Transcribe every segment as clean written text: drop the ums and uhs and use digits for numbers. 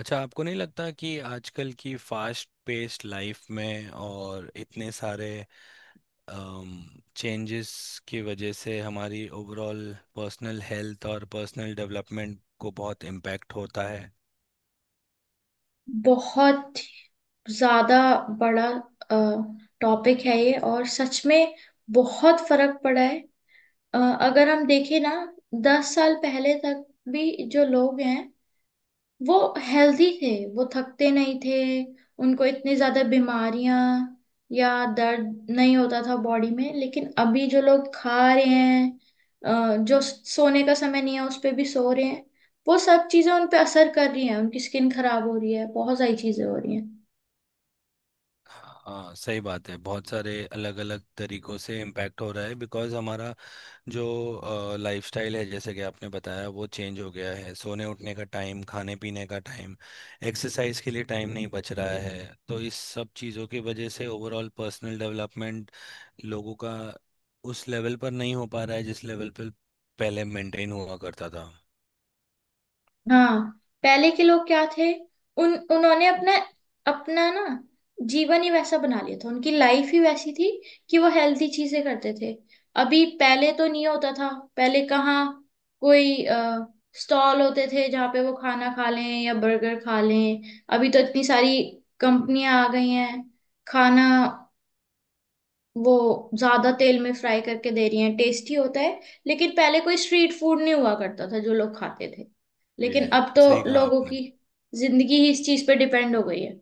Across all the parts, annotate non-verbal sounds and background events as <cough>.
अच्छा, आपको नहीं लगता कि आजकल की फास्ट पेस्ड लाइफ में और इतने सारे चेंजेस की वजह से हमारी ओवरऑल पर्सनल हेल्थ और पर्सनल डेवलपमेंट को बहुत इम्पैक्ट होता है। बहुत ज्यादा बड़ा टॉपिक है ये और सच में बहुत फर्क पड़ा है। अगर हम देखें ना, 10 साल पहले तक भी जो लोग हैं, वो हेल्दी थे, वो थकते नहीं थे, उनको इतनी ज्यादा बीमारियां या दर्द नहीं होता था बॉडी में। लेकिन अभी जो लोग खा रहे हैं, जो सोने का समय नहीं है उस पे भी सो रहे हैं, वो सब चीजें उन पे असर कर रही हैं, उनकी स्किन खराब हो रही है, बहुत सारी चीजें हो रही हैं। हाँ, सही बात है। बहुत सारे अलग अलग तरीकों से इम्पैक्ट हो रहा है बिकॉज़ हमारा जो लाइफस्टाइल है जैसे कि आपने बताया वो चेंज हो गया है। सोने उठने का टाइम, खाने पीने का टाइम, एक्सरसाइज के लिए टाइम नहीं बच रहा है। तो इस सब चीज़ों की वजह से ओवरऑल पर्सनल डेवलपमेंट लोगों का उस लेवल पर नहीं हो पा रहा है जिस लेवल पर पहले मेंटेन हुआ करता था। हाँ, पहले के लोग क्या थे, उन उन्होंने अपना, अपना ना, जीवन ही वैसा बना लिया था, उनकी लाइफ ही वैसी थी कि वो हेल्थी चीजें करते थे। अभी पहले तो नहीं होता था, पहले कहाँ कोई स्टॉल होते थे जहाँ पे वो खाना खा लें या बर्गर खा लें। अभी तो इतनी सारी कंपनियां आ गई हैं, खाना वो ज्यादा तेल में फ्राई करके दे रही हैं, टेस्टी होता है। लेकिन पहले कोई स्ट्रीट फूड नहीं हुआ करता था जो लोग खाते थे, जी, लेकिन अब तो सही कहा लोगों आपने। की जिंदगी ही इस चीज पे डिपेंड हो गई है।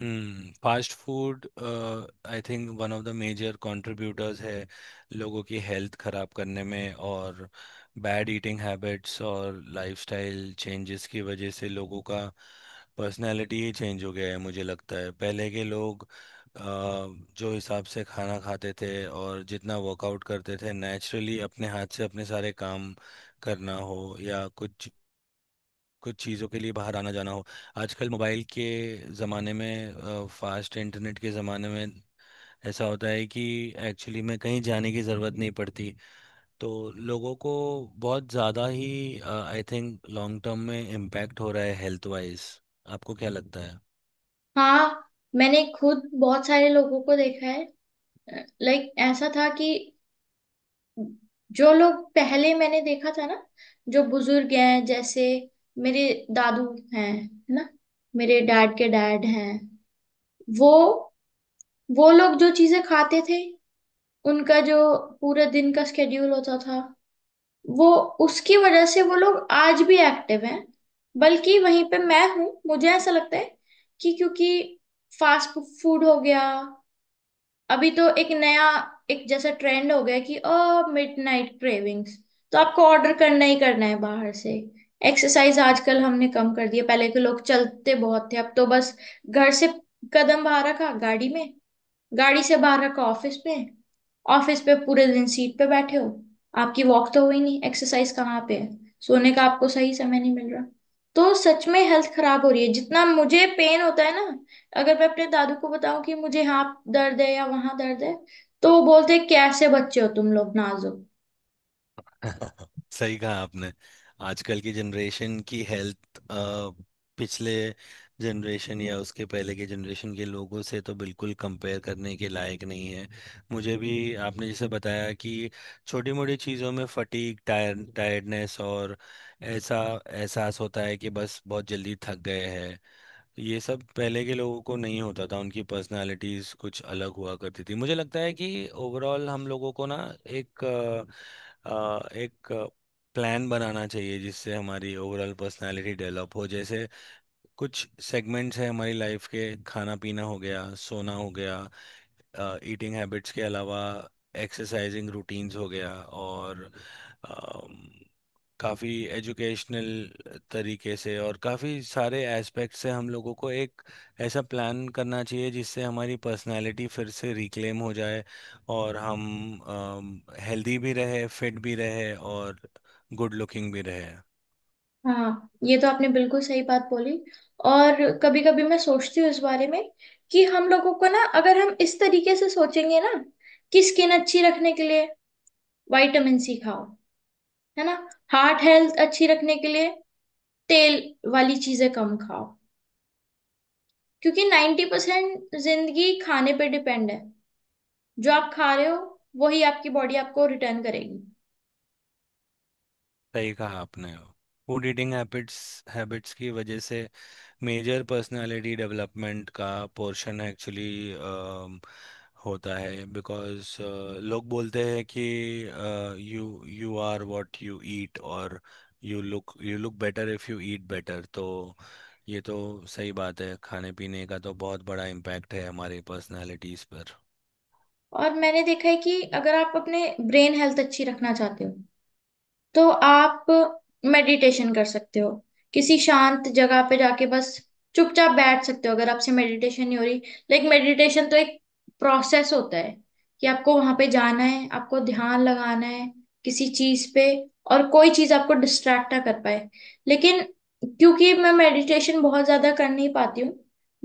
Fast food I think one of the major contributors है लोगों की हेल्थ खराब करने में। और बैड ईटिंग हैबिट्स और लाइफस्टाइल चेंजेस की वजह से लोगों का पर्सनालिटी ही चेंज हो गया है। मुझे लगता है पहले के लोग अ, जो हिसाब से खाना खाते थे और जितना वर्कआउट करते थे नेचुरली अपने हाथ से अपने सारे काम करना हो या कुछ कुछ चीज़ों के लिए बाहर आना जाना हो। आजकल मोबाइल के ज़माने में, फास्ट इंटरनेट के ज़माने में ऐसा होता है कि एक्चुअली में कहीं जाने की ज़रूरत नहीं पड़ती। तो लोगों को बहुत ज़्यादा ही आई थिंक लॉन्ग टर्म में इम्पैक्ट हो रहा है हेल्थ वाइज। आपको क्या लगता है? हाँ, मैंने खुद बहुत सारे लोगों को देखा है। लाइक ऐसा था कि जो लोग पहले मैंने देखा था ना, जो बुजुर्ग हैं, जैसे मेरे दादू हैं, है ना, मेरे डैड के डैड हैं, वो वो लोग जो चीजें खाते थे, उनका जो पूरे दिन का स्केड्यूल होता था, वो, उसकी वजह से वो लोग आज भी एक्टिव हैं। बल्कि वहीं पे मैं हूँ, मुझे ऐसा लगता है कि क्योंकि फास्ट फूड हो गया, अभी तो एक नया, एक जैसा ट्रेंड हो गया कि मिडनाइट क्रेविंग्स, तो आपको ऑर्डर करना ही करना है बाहर से। एक्सरसाइज आजकल हमने कम कर दी है, पहले के लोग चलते बहुत थे, अब तो बस घर से कदम बाहर रखा, गाड़ी में, गाड़ी से बाहर रखा, ऑफिस पे, ऑफिस पे पूरे दिन सीट पे बैठे हो, आपकी वॉक तो हुई नहीं, एक्सरसाइज कहाँ पे है? सोने का आपको सही समय नहीं मिल रहा, तो सच में हेल्थ खराब हो रही है। जितना मुझे पेन होता है ना, अगर मैं अपने दादू को बताऊं कि मुझे यहाँ दर्द है या वहां दर्द है, तो वो बोलते हैं, कैसे बच्चे हो तुम लोग नाजुक। <laughs> सही कहा आपने। आजकल की जनरेशन की हेल्थ पिछले जनरेशन या उसके पहले के जनरेशन के लोगों से तो बिल्कुल कंपेयर करने के लायक नहीं है। मुझे भी, आपने जैसे बताया कि छोटी मोटी चीज़ों में फटीग, टायर्डनेस, और ऐसा एहसास होता है कि बस बहुत जल्दी थक गए हैं। ये सब पहले के लोगों को नहीं होता था। उनकी पर्सनालिटीज कुछ अलग हुआ करती थी। मुझे लगता है कि ओवरऑल हम लोगों को ना एक प्लान बनाना चाहिए जिससे हमारी ओवरऑल पर्सनालिटी डेवलप हो। जैसे कुछ सेगमेंट्स हैं हमारी लाइफ के। खाना पीना हो गया, सोना हो गया, ईटिंग हैबिट्स के अलावा एक्सरसाइजिंग रूटीन्स हो गया। और काफ़ी एजुकेशनल तरीके से और काफ़ी सारे एस्पेक्ट से हम लोगों को एक ऐसा प्लान करना चाहिए जिससे हमारी पर्सनालिटी फिर से रिक्लेम हो जाए और हम हेल्दी भी रहे, फिट भी रहे, और गुड लुकिंग भी रहे। हाँ, ये तो आपने बिल्कुल सही बात बोली। और कभी कभी मैं सोचती हूँ इस बारे में कि हम लोगों को ना, अगर हम इस तरीके से सोचेंगे ना, कि स्किन अच्छी रखने के लिए विटामिन सी खाओ, है ना, हार्ट हेल्थ अच्छी रखने के लिए तेल वाली चीजें कम खाओ, क्योंकि 90% जिंदगी खाने पे डिपेंड है। जो आप खा रहे हो, वही आपकी बॉडी आपको रिटर्न करेगी। सही कहा आपने। फूड ईटिंग हैबिट्स हैबिट्स की वजह से मेजर पर्सनालिटी डेवलपमेंट का पोर्शन एक्चुअली होता है बिकॉज लोग बोलते हैं कि you you are what you eat. और you look better if you eat better. तो ये तो सही बात है। खाने पीने का तो बहुत बड़ा इम्पैक्ट है हमारी पर्सनालिटीज़ पर। और मैंने देखा है कि अगर आप अपने ब्रेन हेल्थ अच्छी रखना चाहते हो, तो आप मेडिटेशन कर सकते हो, किसी शांत जगह पे जाके बस चुपचाप बैठ सकते हो अगर आपसे मेडिटेशन नहीं हो रही। लाइक मेडिटेशन तो एक प्रोसेस होता है कि आपको वहां पे जाना है, आपको ध्यान लगाना है किसी चीज पे, और कोई चीज आपको डिस्ट्रैक्ट ना कर पाए। लेकिन क्योंकि मैं मेडिटेशन बहुत ज्यादा कर नहीं पाती हूँ,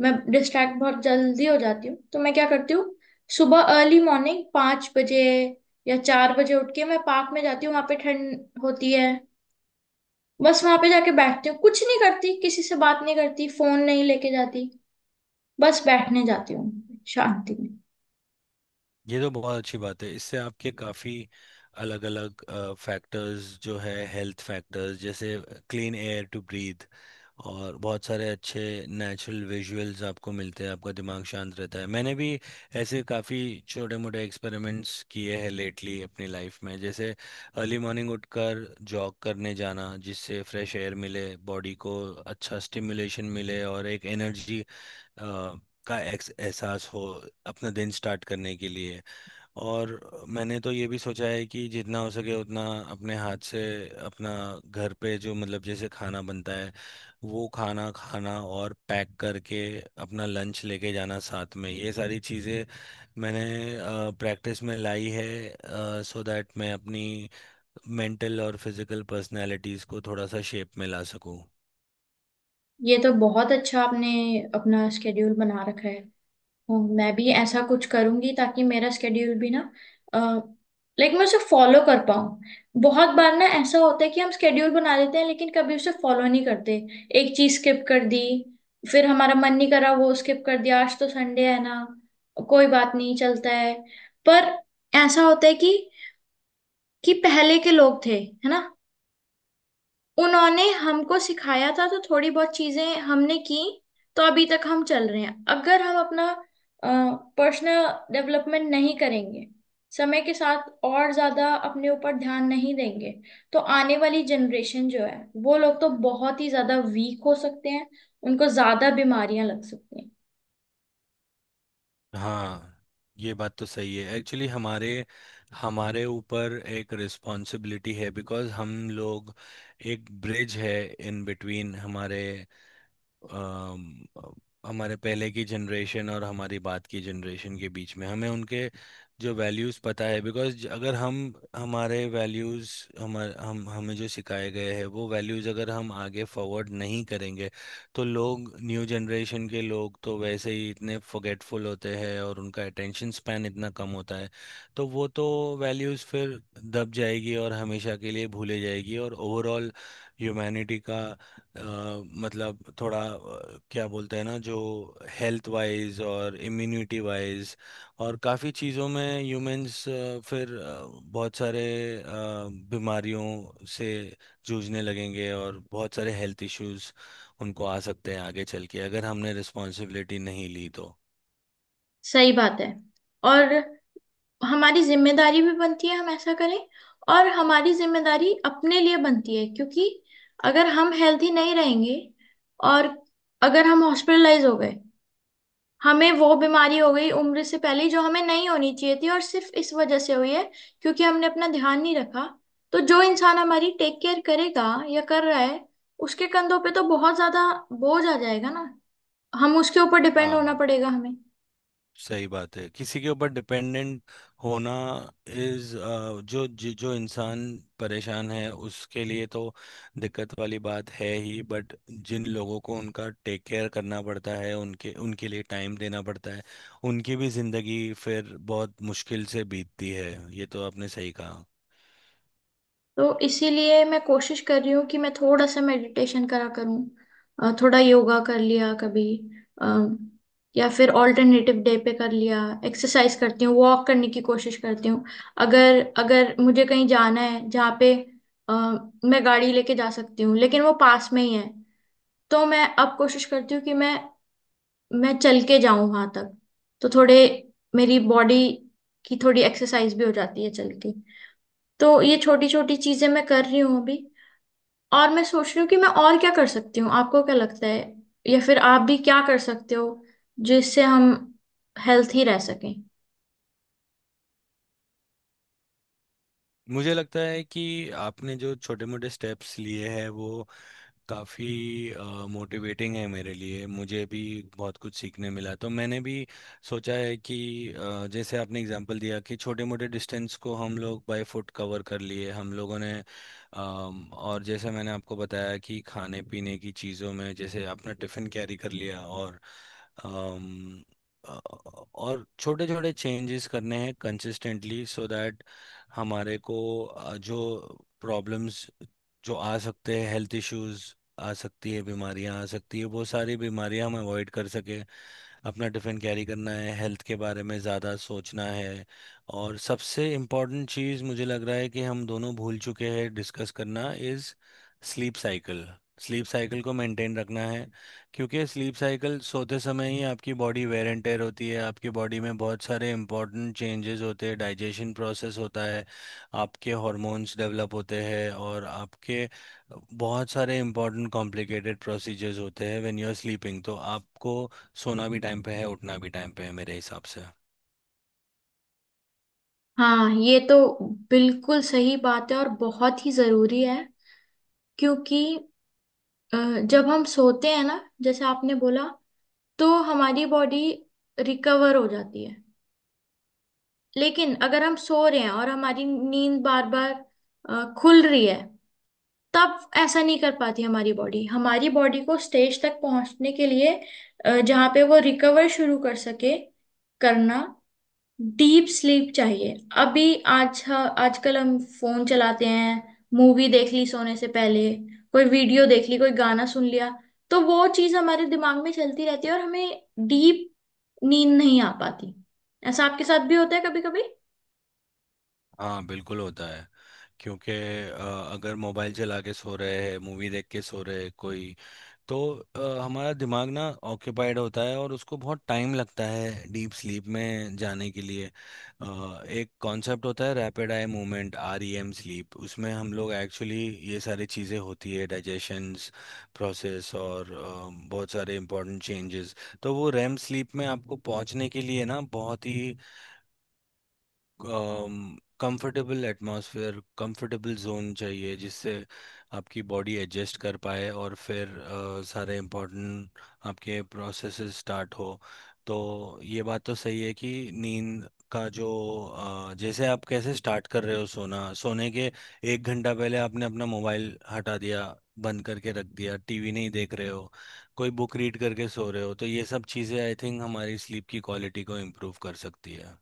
मैं डिस्ट्रैक्ट बहुत जल्दी हो जाती हूँ, तो मैं क्या करती हूँ, सुबह अर्ली मॉर्निंग 5 बजे या 4 बजे उठ के मैं पार्क में जाती हूँ, वहां पे ठंड होती है, बस वहां पे जाके बैठती हूँ, कुछ नहीं करती, किसी से बात नहीं करती, फोन नहीं लेके जाती, बस बैठने जाती हूँ शांति में। ये तो बहुत अच्छी बात है। इससे आपके काफ़ी अलग अलग फैक्टर्स जो है, हेल्थ फैक्टर्स, जैसे क्लीन एयर टू ब्रीथ और बहुत सारे अच्छे नेचुरल विजुअल्स आपको मिलते हैं, आपका दिमाग शांत रहता है। मैंने भी ऐसे काफ़ी छोटे मोटे एक्सपेरिमेंट्स किए हैं लेटली अपनी लाइफ में, जैसे अर्ली मॉर्निंग उठकर जॉग करने जाना, जिससे फ्रेश एयर मिले बॉडी को, अच्छा स्टिमुलेशन मिले और एक एनर्जी का एक्स एहसास हो अपना दिन स्टार्ट करने के लिए। और मैंने तो ये भी सोचा है कि जितना हो सके उतना अपने हाथ से अपना, घर पे जो मतलब जैसे खाना बनता है वो खाना खाना, और पैक करके अपना लंच लेके जाना साथ में। ये सारी चीज़ें मैंने प्रैक्टिस में लाई है सो दैट मैं अपनी मेंटल और फिजिकल पर्सनैलिटीज़ को थोड़ा सा शेप में ला सकूं। ये तो बहुत अच्छा आपने अपना स्केड्यूल बना रखा है। हूँ। मैं भी ऐसा कुछ करूंगी ताकि मेरा स्केड्यूल भी ना, लाइक मैं उसे फॉलो कर पाऊँ। बहुत बार ना ऐसा होता है कि हम स्केड्यूल बना लेते हैं लेकिन कभी उसे फॉलो नहीं करते, एक चीज स्किप कर दी, फिर हमारा मन नहीं करा वो स्किप कर दिया, आज तो संडे है ना, कोई बात नहीं चलता है। पर ऐसा होता है कि पहले के लोग थे है ना, उन्होंने हमको सिखाया था तो थोड़ी बहुत चीजें हमने की, तो अभी तक हम चल रहे हैं। अगर हम अपना पर्सनल डेवलपमेंट नहीं करेंगे, समय के साथ और ज्यादा अपने ऊपर ध्यान नहीं देंगे, तो आने वाली जनरेशन जो है, वो लोग तो बहुत ही ज्यादा वीक हो सकते हैं, उनको ज्यादा बीमारियां लग सकती हैं। हाँ, ये बात तो सही है। एक्चुअली हमारे हमारे ऊपर एक रिस्पॉन्सिबिलिटी है बिकॉज हम लोग एक ब्रिज है इन बिटवीन हमारे अम, हमारे पहले की जनरेशन और हमारी बात की जनरेशन के बीच में। हमें उनके जो वैल्यूज़ पता है बिकॉज अगर हम हमारे वैल्यूज़ हमारे हम हमें जो सिखाए गए हैं वो वैल्यूज़ अगर हम आगे फॉरवर्ड नहीं करेंगे तो लोग, न्यू जनरेशन के लोग तो वैसे ही इतने फॉरगेटफुल होते हैं और उनका अटेंशन स्पैन इतना कम होता है। तो वो तो वैल्यूज़ फिर दब जाएगी और हमेशा के लिए भूले जाएगी। और ओवरऑल ह्यूमैनिटी का अ, मतलब थोड़ा क्या बोलते हैं ना, जो हेल्थ वाइज और इम्यूनिटी वाइज और काफ़ी चीज़ों में ह्यूमंस फिर बहुत सारे अ, बीमारियों से जूझने लगेंगे, और बहुत सारे हेल्थ इश्यूज उनको आ सकते हैं आगे चल के अगर हमने रिस्पॉन्सिबिलिटी नहीं ली तो। सही बात है। और हमारी जिम्मेदारी भी बनती है हम ऐसा करें, और हमारी जिम्मेदारी अपने लिए बनती है क्योंकि अगर हम हेल्दी नहीं रहेंगे, और अगर हम हॉस्पिटलाइज हो गए, हमें वो बीमारी हो गई उम्र से पहले ही जो हमें नहीं होनी चाहिए थी और सिर्फ इस वजह से हुई है क्योंकि हमने अपना ध्यान नहीं रखा, तो जो इंसान हमारी टेक केयर करेगा या कर रहा है, उसके कंधों पे तो बहुत ज्यादा बोझ आ जाएगा ना, हम उसके ऊपर डिपेंड होना हाँ, पड़ेगा हमें। सही बात है। किसी के ऊपर डिपेंडेंट होना इज, जो जो जो इंसान परेशान है उसके लिए तो दिक्कत वाली बात है ही, बट जिन लोगों को उनका टेक केयर करना पड़ता है उनके उनके लिए टाइम देना पड़ता है, उनकी भी जिंदगी फिर बहुत मुश्किल से बीतती है। ये तो आपने सही कहा। तो इसीलिए मैं कोशिश कर रही हूँ कि मैं थोड़ा सा मेडिटेशन करा करूँ, थोड़ा योगा कर लिया कभी, अ, या फिर ऑल्टरनेटिव डे पे कर लिया, एक्सरसाइज करती हूँ, वॉक करने की कोशिश करती हूँ। अगर अगर मुझे कहीं जाना है जहाँ पे अ, मैं गाड़ी लेके जा सकती हूँ लेकिन वो पास में ही है, तो मैं अब कोशिश करती हूँ कि मैं चल के जाऊँ वहां तक, तो थोड़े मेरी बॉडी की थोड़ी एक्सरसाइज भी हो जाती है चल के। तो ये छोटी छोटी चीजें मैं कर रही हूँ अभी, और मैं सोच रही हूँ कि मैं और क्या कर सकती हूँ, आपको क्या लगता है, या फिर आप भी क्या कर सकते हो जिससे हम हेल्थी रह सकें। मुझे लगता है कि आपने जो छोटे मोटे स्टेप्स लिए हैं वो काफ़ी मोटिवेटिंग है मेरे लिए। मुझे भी बहुत कुछ सीखने मिला। तो मैंने भी सोचा है कि जैसे आपने एग्जांपल दिया कि छोटे मोटे डिस्टेंस को हम लोग बाय फुट कवर कर लिए हम लोगों ने, और जैसे मैंने आपको बताया कि खाने पीने की चीज़ों में जैसे आपने टिफ़िन कैरी कर लिया, और अम, अ, और छोटे छोटे चेंजेस करने हैं कंसिस्टेंटली सो दैट हमारे को जो प्रॉब्लम्स जो आ सकते हैं, हेल्थ इश्यूज आ सकती है, बीमारियां आ सकती है, बहुत सारी बीमारियां हम अवॉइड कर सके। अपना टिफ़िन कैरी करना है, हेल्थ के बारे में ज़्यादा सोचना है। और सबसे इम्पोर्टेंट चीज़ मुझे लग रहा है कि हम दोनों भूल चुके हैं डिस्कस करना, is sleep cycle. Sleep cycle को मेंटेन रखना है, क्योंकि स्लीप साइकिल सोते समय ही आपकी बॉडी वेयर एंड टेयर होती है, आपकी बॉडी में बहुत सारे इंपॉर्टेंट चेंजेस होते हैं, डाइजेशन प्रोसेस होता है, आपके हॉर्मोन्स डेवलप होते हैं और आपके बहुत सारे इंपॉर्टेंट कॉम्प्लिकेटेड प्रोसीजर्स होते हैं व्हेन यू आर स्लीपिंग। तो आपको सोना भी टाइम पे है, उठना भी टाइम पे है, मेरे हिसाब से। हाँ, ये तो बिल्कुल सही बात है और बहुत ही जरूरी है। क्योंकि अ, जब हम सोते हैं ना, जैसे आपने बोला, तो हमारी बॉडी रिकवर हो जाती है। लेकिन अगर हम सो रहे हैं और हमारी नींद बार बार खुल रही है, तब ऐसा नहीं कर पाती हमारी बॉडी। हमारी बॉडी को स्टेज तक पहुंचने के लिए, जहां पे वो रिकवर शुरू कर सके करना, डीप स्लीप चाहिए। अभी आज आजकल हम फोन चलाते हैं, मूवी देख ली सोने से पहले, कोई वीडियो देख ली, कोई गाना सुन लिया, तो वो चीज हमारे दिमाग में चलती रहती है और हमें डीप नींद नहीं आ पाती। ऐसा आपके साथ भी होता है कभी कभी? हाँ, बिल्कुल होता है। क्योंकि अ, अगर मोबाइल चला के सो रहे हैं, मूवी देख के सो रहे हैं कोई, तो हमारा दिमाग ना ऑक्यूपाइड होता है और उसको बहुत टाइम लगता है डीप स्लीप में जाने के लिए। एक कॉन्सेप्ट होता है, rapid eye movement, REM sleep, उसमें हम लोग एक्चुअली ये सारी चीज़ें होती है, डाइजेशंस प्रोसेस और बहुत सारे इंपॉर्टेंट चेंजेस। तो वो रैम स्लीप में आपको पहुंचने के लिए ना बहुत ही कंफर्टेबल एटमॉस्फेयर, कंफर्टेबल जोन चाहिए जिससे आपकी बॉडी एडजस्ट कर पाए और फिर सारे इम्पोर्टेंट आपके प्रोसेसेस स्टार्ट हो। तो ये बात तो सही है कि नींद का जो जैसे आप कैसे स्टार्ट कर रहे हो सोना, सोने के 1 घंटा पहले आपने अपना मोबाइल हटा दिया, बंद करके रख दिया, टीवी नहीं देख रहे हो, कोई बुक रीड करके सो रहे हो, तो ये सब चीज़ें आई थिंक हमारी स्लीप की क्वालिटी को इम्प्रूव कर सकती है।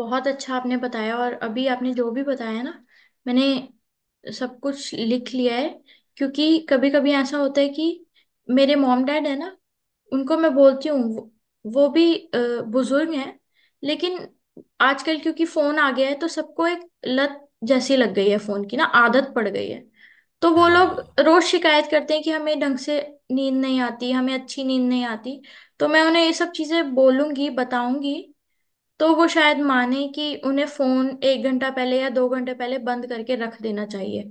बहुत अच्छा आपने बताया। और अभी आपने जो भी बताया ना, मैंने सब कुछ लिख लिया है। क्योंकि कभी कभी ऐसा होता है कि मेरे मॉम डैड है ना, उनको मैं बोलती हूँ, वो भी बुजुर्ग हैं, लेकिन आजकल क्योंकि फोन आ गया है तो सबको एक लत जैसी लग गई है फोन की, ना आदत पड़ गई है, तो वो लोग हाँ। रोज शिकायत करते हैं कि हमें ढंग से नींद नहीं आती, हमें अच्छी नींद नहीं आती। तो मैं उन्हें ये सब चीजें बोलूंगी, बताऊंगी, तो वो शायद माने कि उन्हें फोन 1 घंटा पहले या 2 घंटे पहले बंद करके रख देना चाहिए।